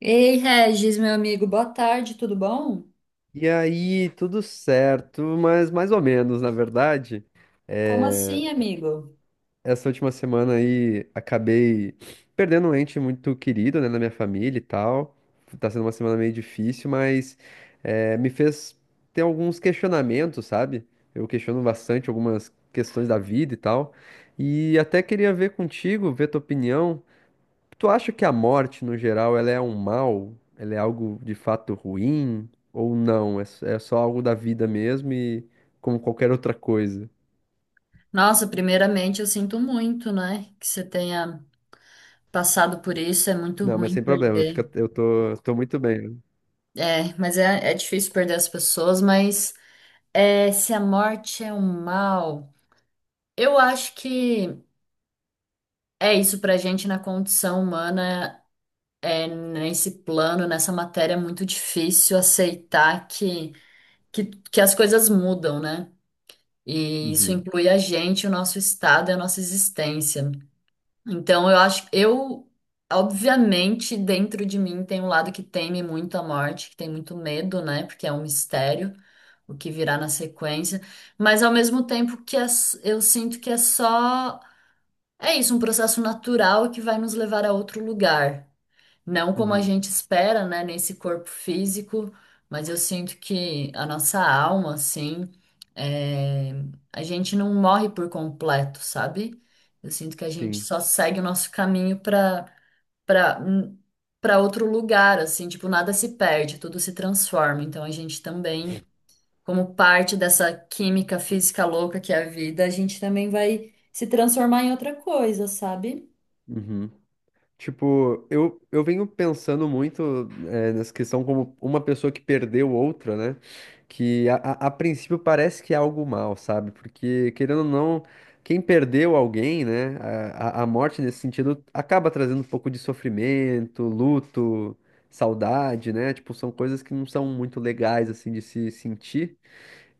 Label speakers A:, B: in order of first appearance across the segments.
A: Ei, Regis, meu amigo, boa tarde, tudo bom?
B: E aí, tudo certo, mas mais ou menos, na verdade.
A: Como assim, amigo?
B: Essa última semana aí acabei perdendo um ente muito querido, né, na minha família e tal. Tá sendo uma semana meio difícil, mas me fez ter alguns questionamentos, sabe? Eu questiono bastante algumas questões da vida e tal. E até queria ver contigo, ver tua opinião. Tu acha que a morte, no geral, ela é um mal? Ela é algo de fato ruim? Ou não? É, é só algo da vida mesmo e como qualquer outra coisa?
A: Nossa, primeiramente eu sinto muito, né, que você tenha passado por isso, é muito
B: Não, mas
A: ruim
B: sem problema,
A: perder.
B: fica, eu tô muito bem.
A: É, mas é difícil perder as pessoas, mas é, se a morte é um mal, eu acho que é isso pra gente na condição humana, é, nesse plano, nessa matéria, é muito difícil aceitar que, que as coisas mudam, né? E isso
B: Uhum,
A: inclui a gente, o nosso estado e a nossa existência. Então, eu acho, eu, obviamente, dentro de mim tem um lado que teme muito a morte, que tem muito medo, né? Porque é um mistério o que virá na sequência. Mas, ao mesmo tempo, eu sinto que é só, é isso, um processo natural que vai nos levar a outro lugar. Não como a
B: uhum,
A: gente espera, né, nesse corpo físico, mas eu sinto que a nossa alma, assim, é, a gente não morre por completo, sabe? Eu sinto que a gente
B: sim.
A: só segue o nosso caminho para para outro lugar, assim, tipo, nada se perde, tudo se transforma. Então a gente também, como parte dessa química física louca que é a vida, a gente também vai se transformar em outra coisa, sabe?
B: Uhum. Tipo, eu venho pensando muito nessa questão como uma pessoa que perdeu outra, né? Que a princípio parece que é algo mal, sabe? Porque, querendo ou não, quem perdeu alguém, né? A morte nesse sentido acaba trazendo um pouco de sofrimento, luto, saudade, né? Tipo, são coisas que não são muito legais, assim, de se sentir.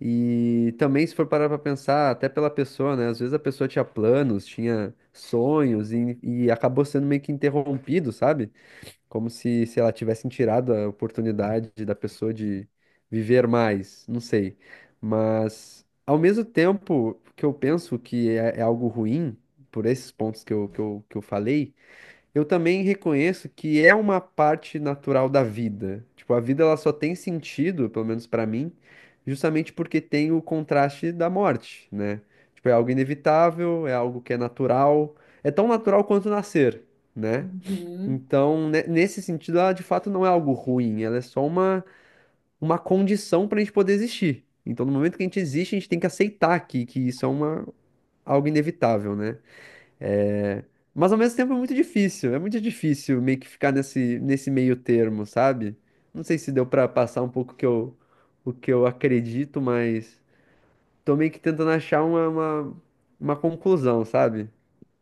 B: E também, se for parar pra pensar, até pela pessoa, né? Às vezes a pessoa tinha planos, tinha sonhos e acabou sendo meio que interrompido, sabe? Como se ela tivesse tirado a oportunidade da pessoa de viver mais, não sei. Mas, ao mesmo tempo que eu penso que é algo ruim, por esses pontos que eu falei, eu também reconheço que é uma parte natural da vida. Tipo, a vida ela só tem sentido, pelo menos pra mim, justamente porque tem o contraste da morte, né? Tipo, é algo inevitável, é algo que é natural, é tão natural quanto nascer, né?
A: Uhum.
B: Então, nesse sentido, ela de fato não é algo ruim, ela é só uma condição pra gente poder existir. Então, no momento que a gente existe, a gente tem que aceitar que isso é uma, algo inevitável, né? É, Mas ao mesmo tempo é muito difícil meio que ficar nesse meio termo, sabe? Não sei se deu pra passar um pouco o o que eu acredito, mas tô meio que tentando achar uma conclusão, sabe?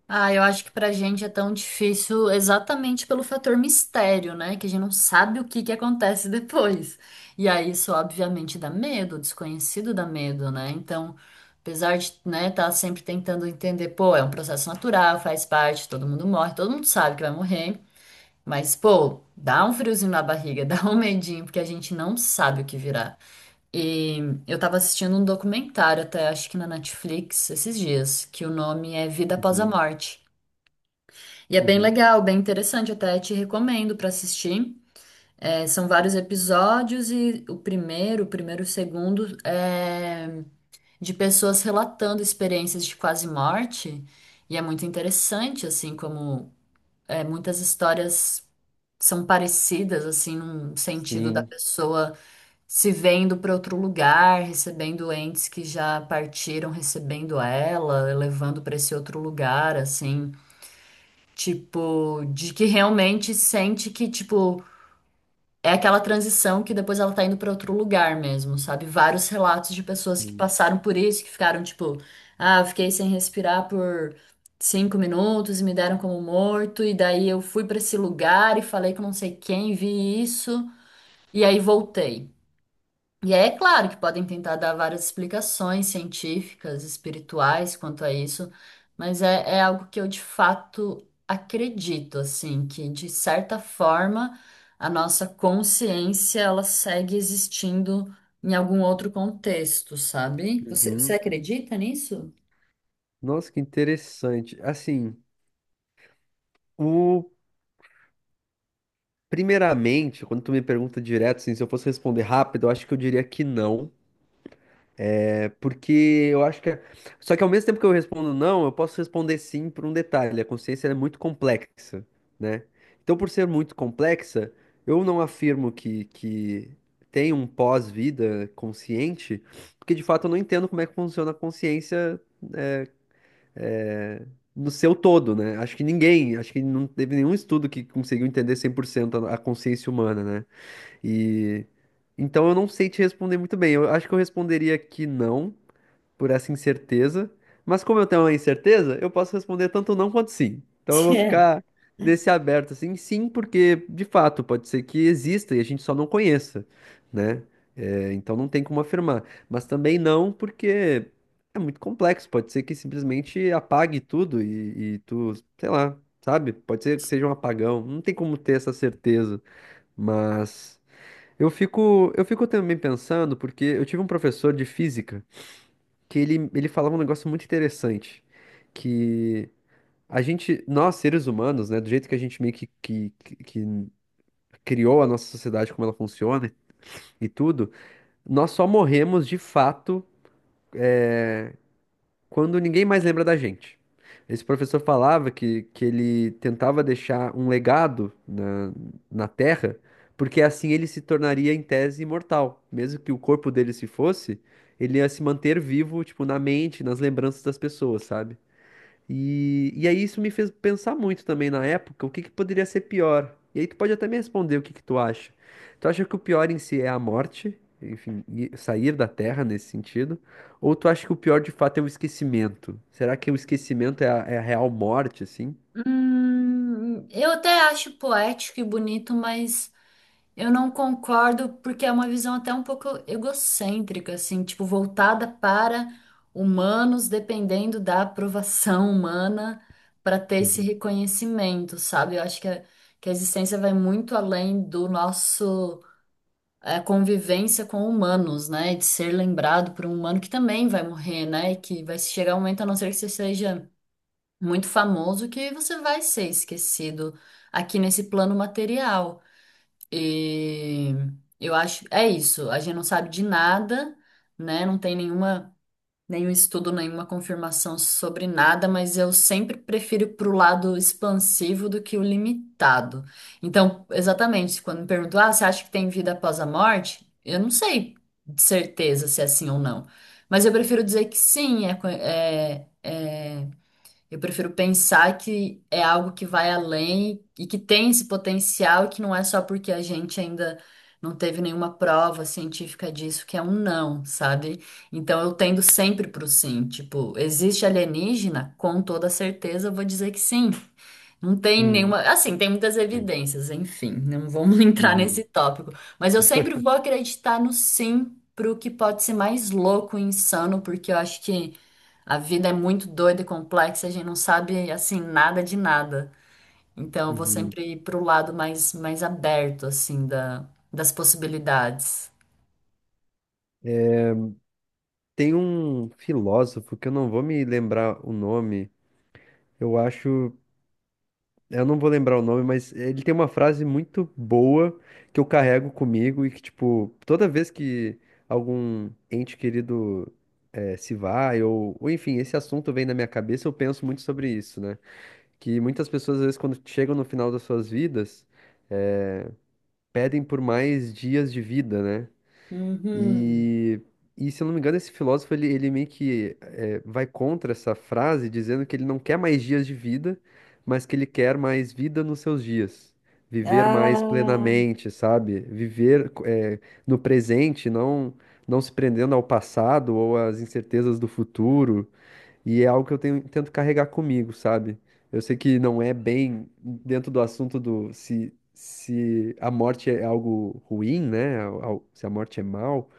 A: Ah, eu acho que pra gente é tão difícil exatamente pelo fator mistério, né? Que a gente não sabe o que que acontece depois. E aí isso obviamente dá medo, o desconhecido dá medo, né? Então, apesar de, né, tá sempre tentando entender, pô, é um processo natural, faz parte, todo mundo morre, todo mundo sabe que vai morrer, mas pô, dá um friozinho na barriga, dá um medinho, porque a gente não sabe o que virá. E eu tava assistindo um documentário até, acho que na Netflix, esses dias, que o nome é Vida Após a
B: Uhum,
A: Morte. E é bem
B: uhum,
A: legal, bem interessante, até te recomendo para assistir. É, são vários episódios e o primeiro e o segundo é de pessoas relatando experiências de quase morte. E é muito interessante, assim, como é, muitas histórias são parecidas, assim, num sentido da
B: sim,
A: pessoa se vendo para outro lugar, recebendo entes que já partiram, recebendo ela, levando para esse outro lugar, assim. Tipo, de que realmente sente que, tipo, é aquela transição que depois ela tá indo pra outro lugar mesmo, sabe? Vários relatos de pessoas que
B: uhum.
A: passaram por isso, que ficaram, tipo, ah, eu fiquei sem respirar por 5 minutos e me deram como morto, e daí eu fui pra esse lugar e falei com não sei quem, vi isso, e aí voltei. E é claro que podem tentar dar várias explicações científicas, espirituais quanto a isso, mas é, é algo que eu de fato acredito, assim, que de certa forma a nossa consciência ela segue existindo em algum outro contexto, sabe? Você
B: Uhum.
A: acredita nisso?
B: Nossa, que interessante. Assim, o primeiramente, quando tu me pergunta direto, assim, se eu fosse responder rápido, eu acho que eu diria que não. Porque eu acho que. Só que ao mesmo tempo que eu respondo não, eu posso responder sim por um detalhe. A consciência ela é muito complexa, né? Então, por ser muito complexa, eu não afirmo que tem um pós-vida consciente, porque de fato eu não entendo como é que funciona a consciência é, no seu todo, né? Acho que ninguém, acho que não teve nenhum estudo que conseguiu entender 100% a consciência humana, né? E então eu não sei te responder muito bem. Eu acho que eu responderia que não, por essa incerteza. Mas como eu tenho uma incerteza, eu posso responder tanto não quanto sim. Então eu vou
A: É.
B: ficar nesse aberto assim, sim, porque de fato pode ser que exista e a gente só não conheça, né? É, então não tem como afirmar. Mas também não, porque é muito complexo. Pode ser que simplesmente apague tudo e tu, sei lá, sabe? Pode ser que seja um apagão. Não tem como ter essa certeza. Mas eu fico também pensando, porque eu tive um professor de física que ele falava um negócio muito interessante, que a gente, nós seres humanos, né, do jeito que a gente meio que criou a nossa sociedade, como ela funciona e tudo, nós só morremos de fato quando ninguém mais lembra da gente. Esse professor falava que ele tentava deixar um legado na Terra, porque assim ele se tornaria, em tese, imortal. Mesmo que o corpo dele se fosse, ele ia se manter vivo, tipo, na mente, nas lembranças das pessoas, sabe? E aí isso me fez pensar muito também na época, o que que poderia ser pior? E aí tu pode até me responder o que que tu acha. Tu acha que o pior em si é a morte, enfim, e sair da Terra nesse sentido? Ou tu acha que o pior de fato é o esquecimento? Será que o esquecimento é é a real morte, assim?
A: Eu até acho poético e bonito, mas. Eu não concordo porque é uma visão até um pouco egocêntrica, assim, tipo, voltada para humanos, dependendo da aprovação humana para ter esse
B: Uhum.
A: reconhecimento, sabe? Eu acho que a existência vai muito além do nosso convivência com humanos, né? De ser lembrado por um humano que também vai morrer, né? E que vai chegar um momento, a não ser que você seja muito famoso, que você vai ser esquecido aqui nesse plano material. E eu acho, é isso, a gente não sabe de nada, né? Não tem nenhum estudo, nenhuma confirmação sobre nada, mas eu sempre prefiro pro lado expansivo do que o limitado. Então, exatamente, quando me perguntam, ah, você acha que tem vida após a morte? Eu não sei de certeza se é sim ou não, mas eu prefiro dizer que sim, eu prefiro pensar que é algo que vai além e que tem esse potencial, e que não é só porque a gente ainda não teve nenhuma prova científica disso, que é um não, sabe? Então eu tendo sempre pro sim. Tipo, existe alienígena? Com toda certeza eu vou dizer que sim. Não tem
B: Uhum.
A: nenhuma. Assim, tem muitas evidências, enfim, não vamos entrar nesse
B: Uhum.
A: tópico. Mas eu sempre vou acreditar no sim pro que pode ser mais louco e insano, porque eu acho que. A vida é muito doida e complexa, a gente não sabe assim nada de nada. Então eu vou
B: Uhum.
A: sempre ir pro lado mais aberto assim da, das possibilidades.
B: Tem um filósofo que eu não vou me lembrar o nome, eu acho. Eu não vou lembrar o nome, mas ele tem uma frase muito boa que eu carrego comigo e que, tipo, toda vez que algum ente querido se vai, ou enfim, esse assunto vem na minha cabeça, eu penso muito sobre isso, né? Que muitas pessoas, às vezes, quando chegam no final das suas vidas, eh, pedem por mais dias de vida, né?
A: Uhum.
B: E, e se eu não me engano, esse filósofo ele meio que vai contra essa frase, dizendo que ele não quer mais dias de vida, mas que ele quer mais vida nos seus dias. Viver mais
A: Ah,
B: plenamente, sabe? Viver no presente, não se prendendo ao passado ou às incertezas do futuro. E é algo que tento carregar comigo, sabe? Eu sei que não é bem dentro do assunto do se a morte é algo ruim, né? Se a morte é mal.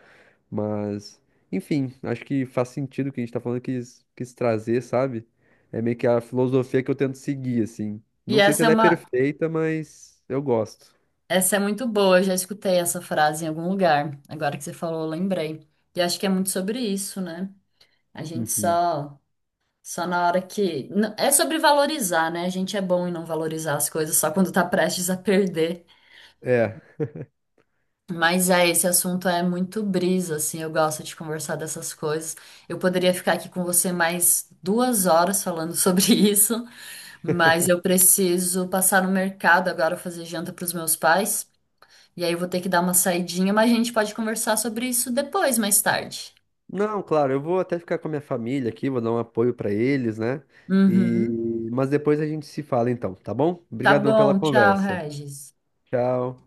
B: Mas, enfim, acho que faz sentido o que a gente tá falando, quis trazer, sabe? É meio que a filosofia que eu tento seguir, assim.
A: E
B: Não sei se
A: essa é
B: ela é
A: uma
B: perfeita, mas eu gosto.
A: essa é muito boa, eu já escutei essa frase em algum lugar. Agora que você falou, eu lembrei. E acho que é muito sobre isso, né? A gente
B: Uhum.
A: só só na hora é sobre valorizar, né? A gente é bom em não valorizar as coisas só quando tá prestes a perder.
B: É.
A: Mas é, esse assunto é muito brisa, assim, eu gosto de conversar dessas coisas. Eu poderia ficar aqui com você mais 2 horas falando sobre isso, mas eu preciso passar no mercado agora fazer janta para os meus pais, e aí eu vou ter que dar uma saidinha, mas a gente pode conversar sobre isso depois, mais tarde.
B: Não, claro, eu vou até ficar com a minha família aqui, vou dar um apoio pra eles, né? E...
A: Uhum.
B: Mas depois a gente se fala então, tá bom?
A: Tá
B: Obrigadão pela
A: bom, tchau,
B: conversa.
A: Regis.
B: Tchau.